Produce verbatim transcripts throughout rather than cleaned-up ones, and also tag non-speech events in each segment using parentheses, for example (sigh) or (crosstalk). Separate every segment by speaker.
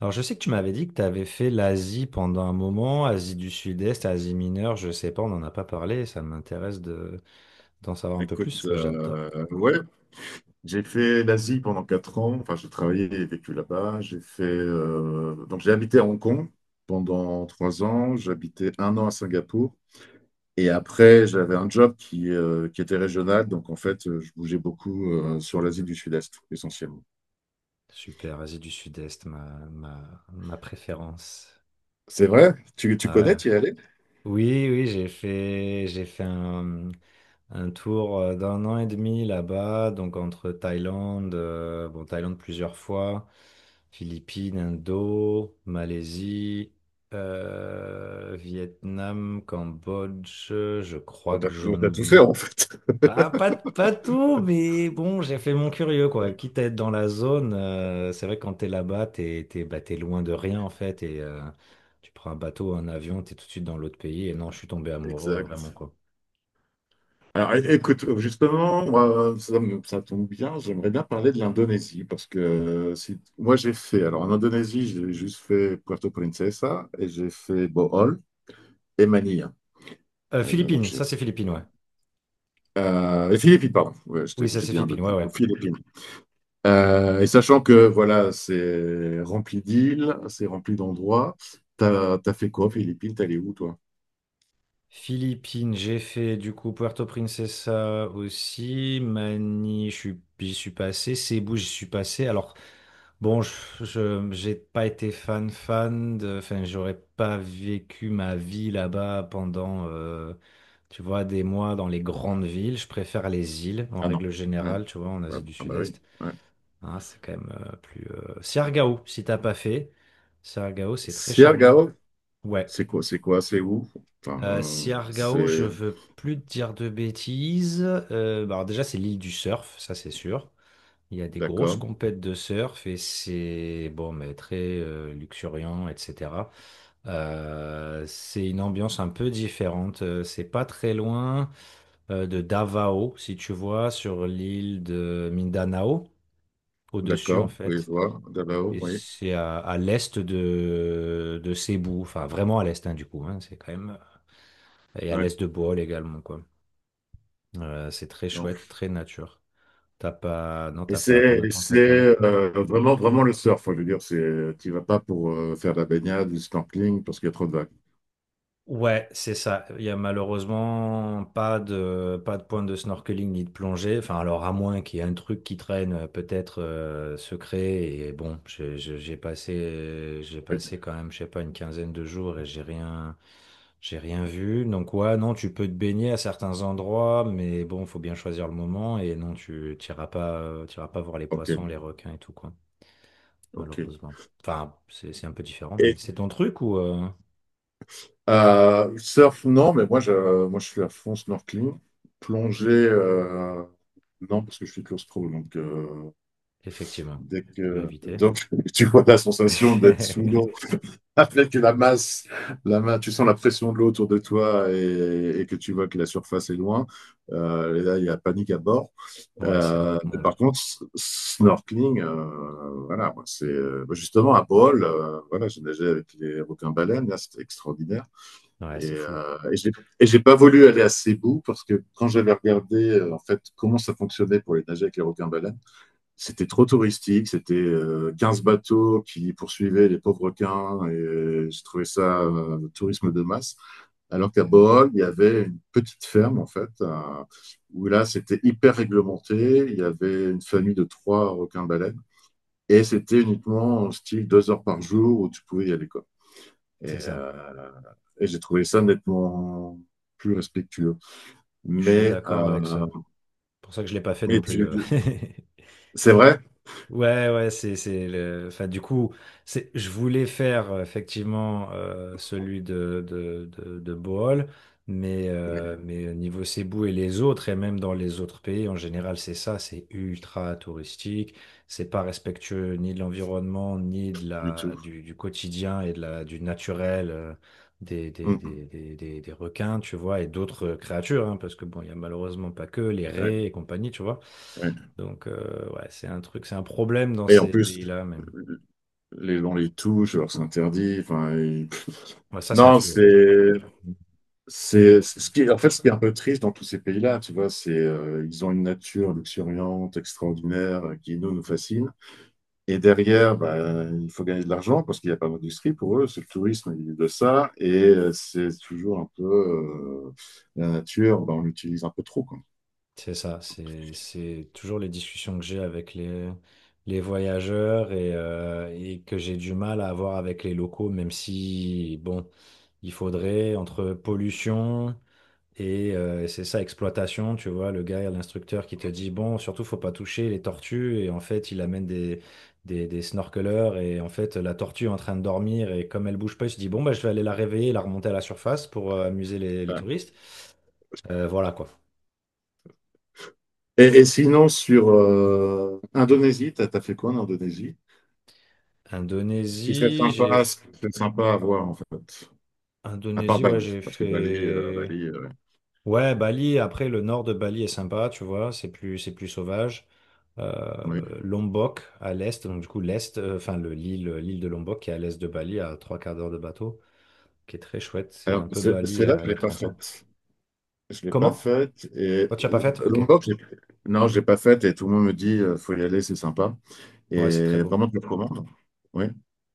Speaker 1: Alors, je sais que tu m'avais dit que tu avais fait l'Asie pendant un moment, Asie du Sud-Est, Asie mineure, je sais pas, on n'en a pas parlé, ça m'intéresse de d'en savoir un peu
Speaker 2: Écoute,
Speaker 1: plus, que j'adore.
Speaker 2: euh, ouais, j'ai fait l'Asie pendant quatre ans. Enfin, j'ai travaillé et vécu là-bas. J'ai fait, euh, donc j'ai habité à Hong Kong pendant trois ans. J'habitais un an à Singapour. Et après, j'avais un job qui, euh, qui était régional. Donc, en fait, euh, je bougeais beaucoup euh, sur l'Asie du Sud-Est, essentiellement.
Speaker 1: Super, Asie du Sud-Est, ma, ma, ma préférence.
Speaker 2: C'est vrai? Tu, tu
Speaker 1: Ouais.
Speaker 2: connais, tu y es allé?
Speaker 1: Oui, oui, j'ai fait, j'ai fait un, Un tour euh, d'un an et demi là-bas, donc entre Thaïlande, euh, bon, Thaïlande plusieurs fois, Philippines, Indo, Malaisie, euh, Vietnam, Cambodge, je
Speaker 2: Bon,
Speaker 1: crois
Speaker 2: t'as
Speaker 1: que j'en
Speaker 2: t'as tout fait
Speaker 1: oublie.
Speaker 2: en fait.
Speaker 1: Ah, pas, pas tout, mais bon, j'ai fait mon curieux, quoi. Quitte à être dans la zone, euh, c'est vrai que quand t'es là-bas, t'es, t'es, bah, t'es loin de rien, en fait, et euh, tu prends un bateau, un avion, t'es tout de suite dans l'autre pays, et non, je suis tombé
Speaker 2: (laughs)
Speaker 1: amoureux, vraiment,
Speaker 2: Exact.
Speaker 1: quoi.
Speaker 2: Alors é- écoute, justement, moi, ça, me- ça tombe bien, j'aimerais bien parler de l'Indonésie parce que euh, si, moi j'ai fait, alors en Indonésie, j'ai juste fait Puerto Princesa et j'ai fait Bohol et Manille.
Speaker 1: Euh,
Speaker 2: Euh, donc,
Speaker 1: Philippines,
Speaker 2: je-
Speaker 1: ça c'est Philippines, ouais.
Speaker 2: euh, et Philippines, pardon. Ouais, je
Speaker 1: Oui,
Speaker 2: t'ai-
Speaker 1: ça
Speaker 2: j'ai
Speaker 1: c'est
Speaker 2: dit
Speaker 1: Philippines, ouais,
Speaker 2: Indonésie, aux
Speaker 1: ouais.
Speaker 2: Philippines. Euh, et sachant que voilà, c'est rempli d'îles, c'est rempli d'endroits, t'as, t'as fait quoi aux Philippines? T'es allé où toi?
Speaker 1: Philippines, j'ai fait du coup Puerto Princesa aussi. Mani, je suis- j'y suis passé. Cebu, j'y suis passé. Alors, bon, je, je- j'ai pas été fan, fan de. Enfin, j'aurais pas vécu ma vie là-bas pendant, euh, tu vois, des mois dans les grandes villes. Je préfère les îles en
Speaker 2: Ah non.
Speaker 1: règle
Speaker 2: Ouais.
Speaker 1: générale, tu vois, en
Speaker 2: Ah
Speaker 1: Asie du
Speaker 2: bah oui.
Speaker 1: Sud-Est.
Speaker 2: Ouais.
Speaker 1: Hein, c'est quand même euh, plus. euh, Siargao, si t'as pas fait. Siargao, c'est très charmant.
Speaker 2: Siargao?
Speaker 1: Ouais.
Speaker 2: C'est quoi, c'est quoi, c'est où? Enfin,
Speaker 1: Euh,
Speaker 2: euh,
Speaker 1: Siargao, je
Speaker 2: c'est...
Speaker 1: veux plus te dire de bêtises. Euh, bah, alors déjà, c'est l'île du surf, ça c'est sûr. Il y a des grosses
Speaker 2: D'accord,
Speaker 1: compètes de surf et c'est bon, mais très euh, luxuriant, et cetera. Euh, c'est une ambiance un peu différente. Euh, C'est pas très loin euh, de Davao, si tu vois, sur l'île de Mindanao, au-dessus en
Speaker 2: d'accord, oui,
Speaker 1: fait.
Speaker 2: je vois, là-haut,
Speaker 1: Et
Speaker 2: oui.
Speaker 1: c'est à, à l'est de, de Cebu, enfin vraiment à l'est, hein, du coup, hein, c'est quand même. Et à
Speaker 2: Ouais.
Speaker 1: l'est de Bohol également, quoi. Euh, c'est très
Speaker 2: Non.
Speaker 1: chouette, très nature. T'as pas, non,
Speaker 2: Et
Speaker 1: t'as pas, t'en
Speaker 2: c'est
Speaker 1: as
Speaker 2: et
Speaker 1: pas
Speaker 2: c'est,
Speaker 1: entendu parler?
Speaker 2: euh, vraiment, vraiment le surf, hein, je veux dire, c'est, tu vas pas pour euh, faire de la baignade, du snorkeling, parce qu'il y a trop de vagues.
Speaker 1: Ouais, c'est ça. Il y a malheureusement pas de, pas de point de snorkeling ni de plongée. Enfin, alors à moins qu'il y ait un truc qui traîne, euh, peut-être euh, secret. Et bon, je- je- j'ai passé, j'ai
Speaker 2: Oui.
Speaker 1: passé quand même, je sais pas, une quinzaine de jours et j'ai rien, j'ai rien vu. Donc ouais, non, tu peux te baigner à certains endroits, mais bon, faut bien choisir le moment. Et non, tu t'iras pas, euh, t'iras pas voir les
Speaker 2: Ok,
Speaker 1: poissons, les requins et tout, quoi.
Speaker 2: ok.
Speaker 1: Malheureusement. Enfin, c'est c'est un peu différent, mais
Speaker 2: Et
Speaker 1: c'est ton truc ou euh,
Speaker 2: euh, surf, non, mais moi je, moi, je suis à fond snorkeling. Plongée, euh, non, parce que je suis claustro, donc euh,
Speaker 1: effectivement,
Speaker 2: dès
Speaker 1: mieux
Speaker 2: que
Speaker 1: éviter.
Speaker 2: donc, (laughs) tu vois la sensation d'être sous l'eau.
Speaker 1: (laughs)
Speaker 2: Ah, peut-être que la masse, la ma- tu sens la pression de l'eau autour de toi et, et que tu vois que la surface est loin. Euh, et là, il y a panique à bord.
Speaker 1: Ouais, c'est un
Speaker 2: Euh,
Speaker 1: autre
Speaker 2: mais
Speaker 1: monde.
Speaker 2: par contre, s- snorkeling, euh, voilà, moi, c'est euh, bah, justement à Bohol, euh, voilà, j'ai nagé avec les requins-baleines, là, c'était extraordinaire.
Speaker 1: Ouais,
Speaker 2: Et,
Speaker 1: c'est fou.
Speaker 2: euh, et j'ai et j'ai pas voulu aller à Cebu parce que quand j'avais regardé euh, en fait comment ça fonctionnait pour les nager avec les requins-baleines, c'était trop touristique, c'était euh, quinze bateaux qui poursuivaient les pauvres requins et je trouvais ça euh, le tourisme de masse. Alors qu'à Bohol, il y avait une petite ferme en fait, euh, où là c'était hyper réglementé, il y avait une famille de trois requins baleines et c'était uniquement en style deux heures par jour où tu pouvais y aller quoi. Et,
Speaker 1: C'est ça.
Speaker 2: euh, et j'ai trouvé ça nettement plus respectueux.
Speaker 1: Je suis
Speaker 2: Mais,
Speaker 1: d'accord avec ça.
Speaker 2: euh,
Speaker 1: C'est pour ça que je l'ai pas fait
Speaker 2: mais
Speaker 1: non plus.
Speaker 2: tu...
Speaker 1: euh. (laughs)
Speaker 2: c'est vrai
Speaker 1: Ouais, ouais, c'est, c'est le, enfin, du coup, c'est, je voulais faire euh, effectivement euh, celui de, de, de, de Bohol, mais,
Speaker 2: oui.
Speaker 1: euh, mais au niveau Cebu et les autres, et même dans les autres pays, en général, c'est ça, c'est ultra touristique, c'est pas respectueux ni de l'environnement, ni de
Speaker 2: Du
Speaker 1: la,
Speaker 2: tout.
Speaker 1: du, du quotidien et de la, du naturel, euh, des, des, des,
Speaker 2: Mmh.
Speaker 1: des, des, des requins, tu vois, et d'autres créatures, hein, parce que bon, il y a malheureusement pas que les
Speaker 2: Ouais,
Speaker 1: raies et compagnie, tu vois.
Speaker 2: ouais.
Speaker 1: Donc, euh, ouais, c'est un truc, c'est un problème dans
Speaker 2: Et en
Speaker 1: ces
Speaker 2: plus,
Speaker 1: pays-là, mais
Speaker 2: les, on les touche, alors c'est interdit. Enfin, ils-
Speaker 1: ouais, ça, c'est un
Speaker 2: non,
Speaker 1: fléau. Ouais.
Speaker 2: c'est, c'est, c'est- ce qui est, en fait, ce qui est un peu triste dans tous ces pays-là, tu vois, c'est, euh, ils ont une nature luxuriante, extraordinaire, euh, qui nous, nous fascine. Et derrière, bah, il faut gagner de l'argent parce qu'il n'y a pas d'industrie pour eux. C'est le tourisme, ils vivent de ça. Et euh, c'est toujours un peu, euh, la nature, bah, on l'utilise un peu trop, quoi.
Speaker 1: C'est ça, c'est c'est toujours les discussions que j'ai avec les, les voyageurs, et, euh, et que j'ai du mal à avoir avec les locaux, même si, bon, il faudrait, entre pollution, et euh, c'est ça, exploitation, tu vois, le gars, l'instructeur qui te dit, bon, surtout, faut pas toucher les tortues, et en fait, il amène des, des, des snorkeleurs, et en fait, la tortue est en train de dormir, et comme elle bouge pas, il se dit, bon, bah, je vais aller la réveiller et la remonter à la surface pour euh, amuser les, les
Speaker 2: Ouais.
Speaker 1: touristes. Euh, voilà, quoi.
Speaker 2: Et, et sinon, sur euh, Indonésie, t'as, t'as fait quoi en Indonésie? Ce qui serait
Speaker 1: Indonésie, j'ai.
Speaker 2: sympa, ce qui serait sympa à voir en fait, à part
Speaker 1: Indonésie, ouais,
Speaker 2: Bali,
Speaker 1: j'ai
Speaker 2: parce que Bali, euh,
Speaker 1: fait.
Speaker 2: Bali, euh,
Speaker 1: Ouais, Bali, après le nord de Bali est sympa, tu vois, c'est plus, c'est plus sauvage. Euh,
Speaker 2: oui.
Speaker 1: Lombok à l'est, donc du coup l'est, euh, enfin le, l'île, l'île de Lombok qui est à l'est de Bali, à trois quarts d'heure de bateau, qui est très chouette, c'est
Speaker 2: Alors
Speaker 1: un peu
Speaker 2: c'est
Speaker 1: Bali
Speaker 2: c'est là que
Speaker 1: euh,
Speaker 2: je
Speaker 1: il y
Speaker 2: l'ai
Speaker 1: a
Speaker 2: pas
Speaker 1: trente ans.
Speaker 2: faite. Je l'ai pas
Speaker 1: Comment?
Speaker 2: faite et
Speaker 1: Oh, tu l'as pas
Speaker 2: euh,
Speaker 1: faite? Ok.
Speaker 2: Lombok, j'ai- non, je l'ai pas faite et tout le monde me dit euh, faut y aller, c'est sympa
Speaker 1: Ouais, c'est très
Speaker 2: et
Speaker 1: beau.
Speaker 2: vraiment je le recommande. Oui,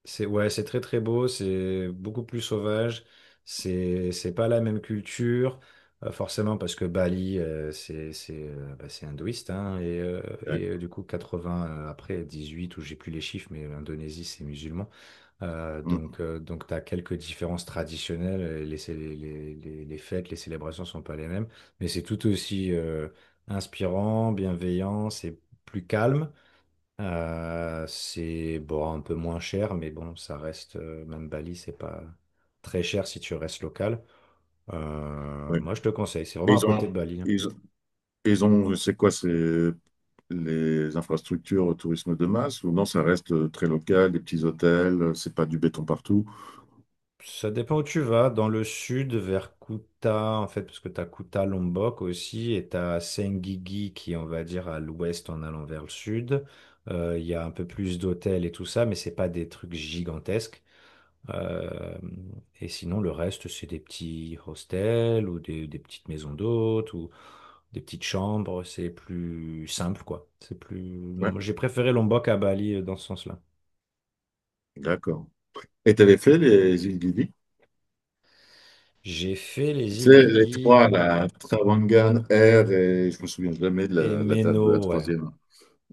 Speaker 1: C'est ouais, c'est très très beau, c'est beaucoup plus sauvage, c'est c'est pas la même culture, euh, forcément parce que Bali, euh, c'est c'est euh, bah, c'est hindouiste, hein, et, euh,
Speaker 2: ouais,
Speaker 1: et euh, du coup quatre-vingts, euh, après dix-huit ou j'ai plus les chiffres, mais l'Indonésie c'est musulman. Euh,
Speaker 2: mm,
Speaker 1: donc euh, donc t'as quelques différences traditionnelles, euh, les, cé- les, les, les fêtes, les célébrations sont pas les mêmes, mais c'est tout aussi euh, inspirant, bienveillant, c'est plus calme, euh, c'est bon, un peu moins cher, mais bon, ça reste, euh, même Bali, c'est pas très cher si tu restes local. Euh,
Speaker 2: oui.
Speaker 1: moi, je te conseille, c'est
Speaker 2: Et
Speaker 1: vraiment à
Speaker 2: ils
Speaker 1: côté
Speaker 2: ont,
Speaker 1: de Bali, hein.
Speaker 2: ils, ils ont, c'est quoi, c'est les infrastructures au tourisme de masse ou non, ça reste euh, très local, des petits hôtels, euh, c'est pas du béton partout.
Speaker 1: Ça dépend où tu vas, dans le sud, vers Kuta, en fait, parce que tu as Kuta Lombok aussi, et tu as Senggigi qui est, on va dire, à l'ouest en allant vers le sud. Euh, Il y a un peu plus d'hôtels et tout ça, mais c'est pas des trucs gigantesques. Euh, et sinon, le reste, c'est des petits hostels ou des, des petites maisons d'hôtes ou des petites chambres. C'est plus simple, quoi. C'est plus.
Speaker 2: Ouais,
Speaker 1: Moi, J'ai préféré Lombok à Bali, euh, dans ce sens-là.
Speaker 2: d'accord. Et t'avais fait les îles Gili?
Speaker 1: J'ai fait les
Speaker 2: Tu
Speaker 1: îles
Speaker 2: sais, les
Speaker 1: Gili,
Speaker 2: trois,
Speaker 1: oui,
Speaker 2: la Travangan, R, et je me souviens jamais de
Speaker 1: et
Speaker 2: la, la date de la
Speaker 1: Meno, ouais.
Speaker 2: troisième.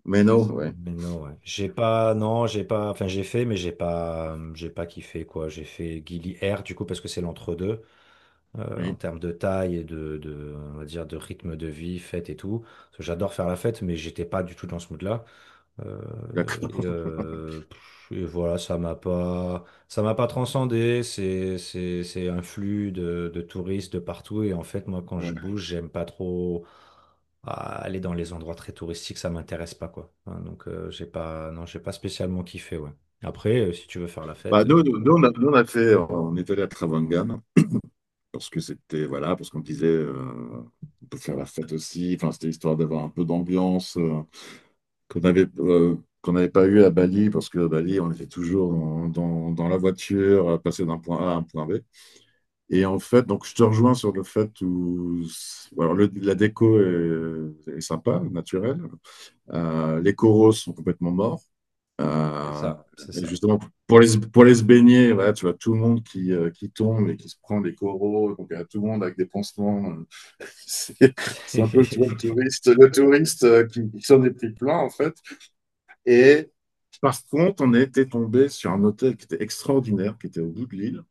Speaker 2: Mais
Speaker 1: C'est
Speaker 2: non,
Speaker 1: ça,
Speaker 2: ouais,
Speaker 1: Meno, ouais. J'ai pas, non, j'ai pas, enfin, j'ai fait, mais j'ai pas, j'ai pas kiffé, quoi. J'ai fait Gili Air, du coup, parce que c'est l'entre-deux, euh, en
Speaker 2: oui,
Speaker 1: termes de taille et de, de, on va dire, de rythme de vie, fête et tout. Parce que j'adore faire la fête, mais j'étais pas du tout dans ce mood-là. Euh,
Speaker 2: d'accord.
Speaker 1: et, euh, pff, et voilà, ça m'a pas, ça m'a pas transcendé. C'est, c'est, c'est un flux de, de touristes de partout. Et en fait, moi, quand je
Speaker 2: Ouais.
Speaker 1: bouge, j'aime pas trop ah, aller dans les endroits très touristiques. Ça m'intéresse pas, quoi. Hein, donc, euh, j'ai pas, non, j'ai pas spécialement kiffé, ouais. Après, euh, si tu veux faire la
Speaker 2: Bah,
Speaker 1: fête,
Speaker 2: nous,
Speaker 1: euh,
Speaker 2: nous, nous, on a, nous, on a fait, on est allé à Travangan, parce que c'était, voilà, parce qu'on disait, euh, on peut faire la fête aussi, enfin, c'était histoire d'avoir un peu d'ambiance, euh, qu'on avait, euh, qu'on n'avait pas eu à Bali, parce que à Bali, on était toujours dans, dans, dans la voiture, à passer d'un point A à un point B. Et en fait, donc je te rejoins sur le fait où alors le- la déco est, est sympa, naturelle. Euh, les coraux sont complètement morts.
Speaker 1: c'est
Speaker 2: Euh,
Speaker 1: ça, c'est
Speaker 2: et
Speaker 1: ça.
Speaker 2: justement, pour les, pour les se baigner, voilà, tu vois tout le monde qui, euh, qui tombe et qui se prend des coraux. Donc, il y a tout le monde avec des pansements. euh, (laughs) c'est c'est un peu tu vois, le
Speaker 1: (laughs)
Speaker 2: touriste, le touriste euh, qui, qui s'en est pris plein, en fait. Et par contre, on a été tombé sur un hôtel qui était extraordinaire, qui était au bout de l'île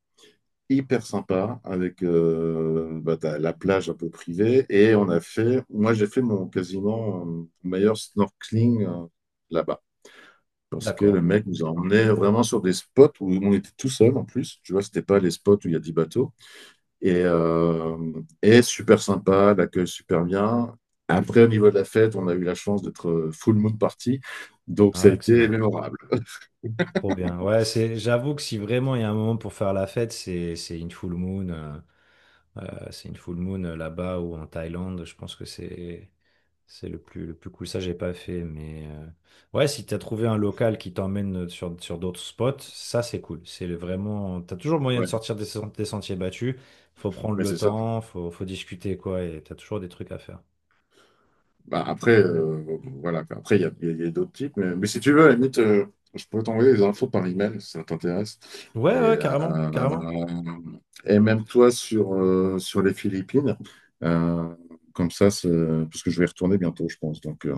Speaker 2: hyper sympa avec euh, bah, t'as la plage un peu privée et on a fait, moi j'ai fait mon quasiment euh, meilleur snorkeling euh, là-bas parce que
Speaker 1: D'accord.
Speaker 2: le mec nous a emmenés vraiment sur des spots où on était tout seul en plus, tu vois, c'était pas les spots où il y a dix bateaux et, euh, et super sympa, l'accueil super bien. Après, au niveau de la fête, on a eu la chance d'être euh, full moon party, donc ça a
Speaker 1: Ah,
Speaker 2: été
Speaker 1: excellent.
Speaker 2: mémorable.
Speaker 1: Trop bien. Ouais, c'est, j'avoue que si vraiment il y a un moment pour faire la fête, c'est, c'est une full moon. Euh, euh, c'est une full moon, euh, là-bas ou en Thaïlande. Je pense que c'est, c'est le plus, le plus cool. Ça, j'ai pas fait, mais euh, ouais, si t'as trouvé un local qui t'emmène sur, sur d'autres spots, ça, c'est cool. C'est le- vraiment, t'as toujours moyen de
Speaker 2: Ouais,
Speaker 1: sortir des, sen- des sentiers battus. Faut prendre
Speaker 2: mais
Speaker 1: le
Speaker 2: c'est ça.
Speaker 1: temps, faut, faut discuter, quoi, et t'as toujours des trucs à faire.
Speaker 2: Bah, après, euh, voilà. quoi. Après, il y a, il y a- il y a d'autres types. Mais, mais si tu veux, à la limite, euh, je pourrais t'envoyer les infos par email si ça t'intéresse.
Speaker 1: Ouais,
Speaker 2: Et,
Speaker 1: ouais, carrément, carrément.
Speaker 2: euh, et même toi sur, euh, sur les Philippines. Euh, comme ça, c'est- parce que je vais y retourner bientôt, je pense. Donc, euh,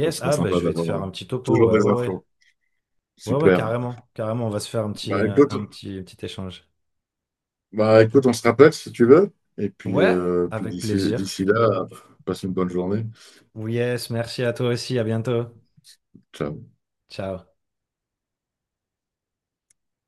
Speaker 2: donc ce sera
Speaker 1: ah, bah,
Speaker 2: sympa
Speaker 1: je vais te
Speaker 2: d'avoir
Speaker 1: faire un
Speaker 2: euh,
Speaker 1: petit topo.
Speaker 2: toujours
Speaker 1: Ouais,
Speaker 2: des
Speaker 1: ouais, ouais.
Speaker 2: infos.
Speaker 1: Ouais, ouais,
Speaker 2: Super.
Speaker 1: carrément. Carrément, on va se faire un petit,
Speaker 2: Bah
Speaker 1: euh,
Speaker 2: écoute,
Speaker 1: un petit, un petit échange.
Speaker 2: bah, écoute, on se rappelle si tu veux. Et puis,
Speaker 1: Ouais,
Speaker 2: euh, puis
Speaker 1: avec
Speaker 2: d'ici
Speaker 1: plaisir.
Speaker 2: d'ici là, passe une bonne journée.
Speaker 1: Yes, merci à toi aussi. À bientôt.
Speaker 2: Ciao.
Speaker 1: Ciao.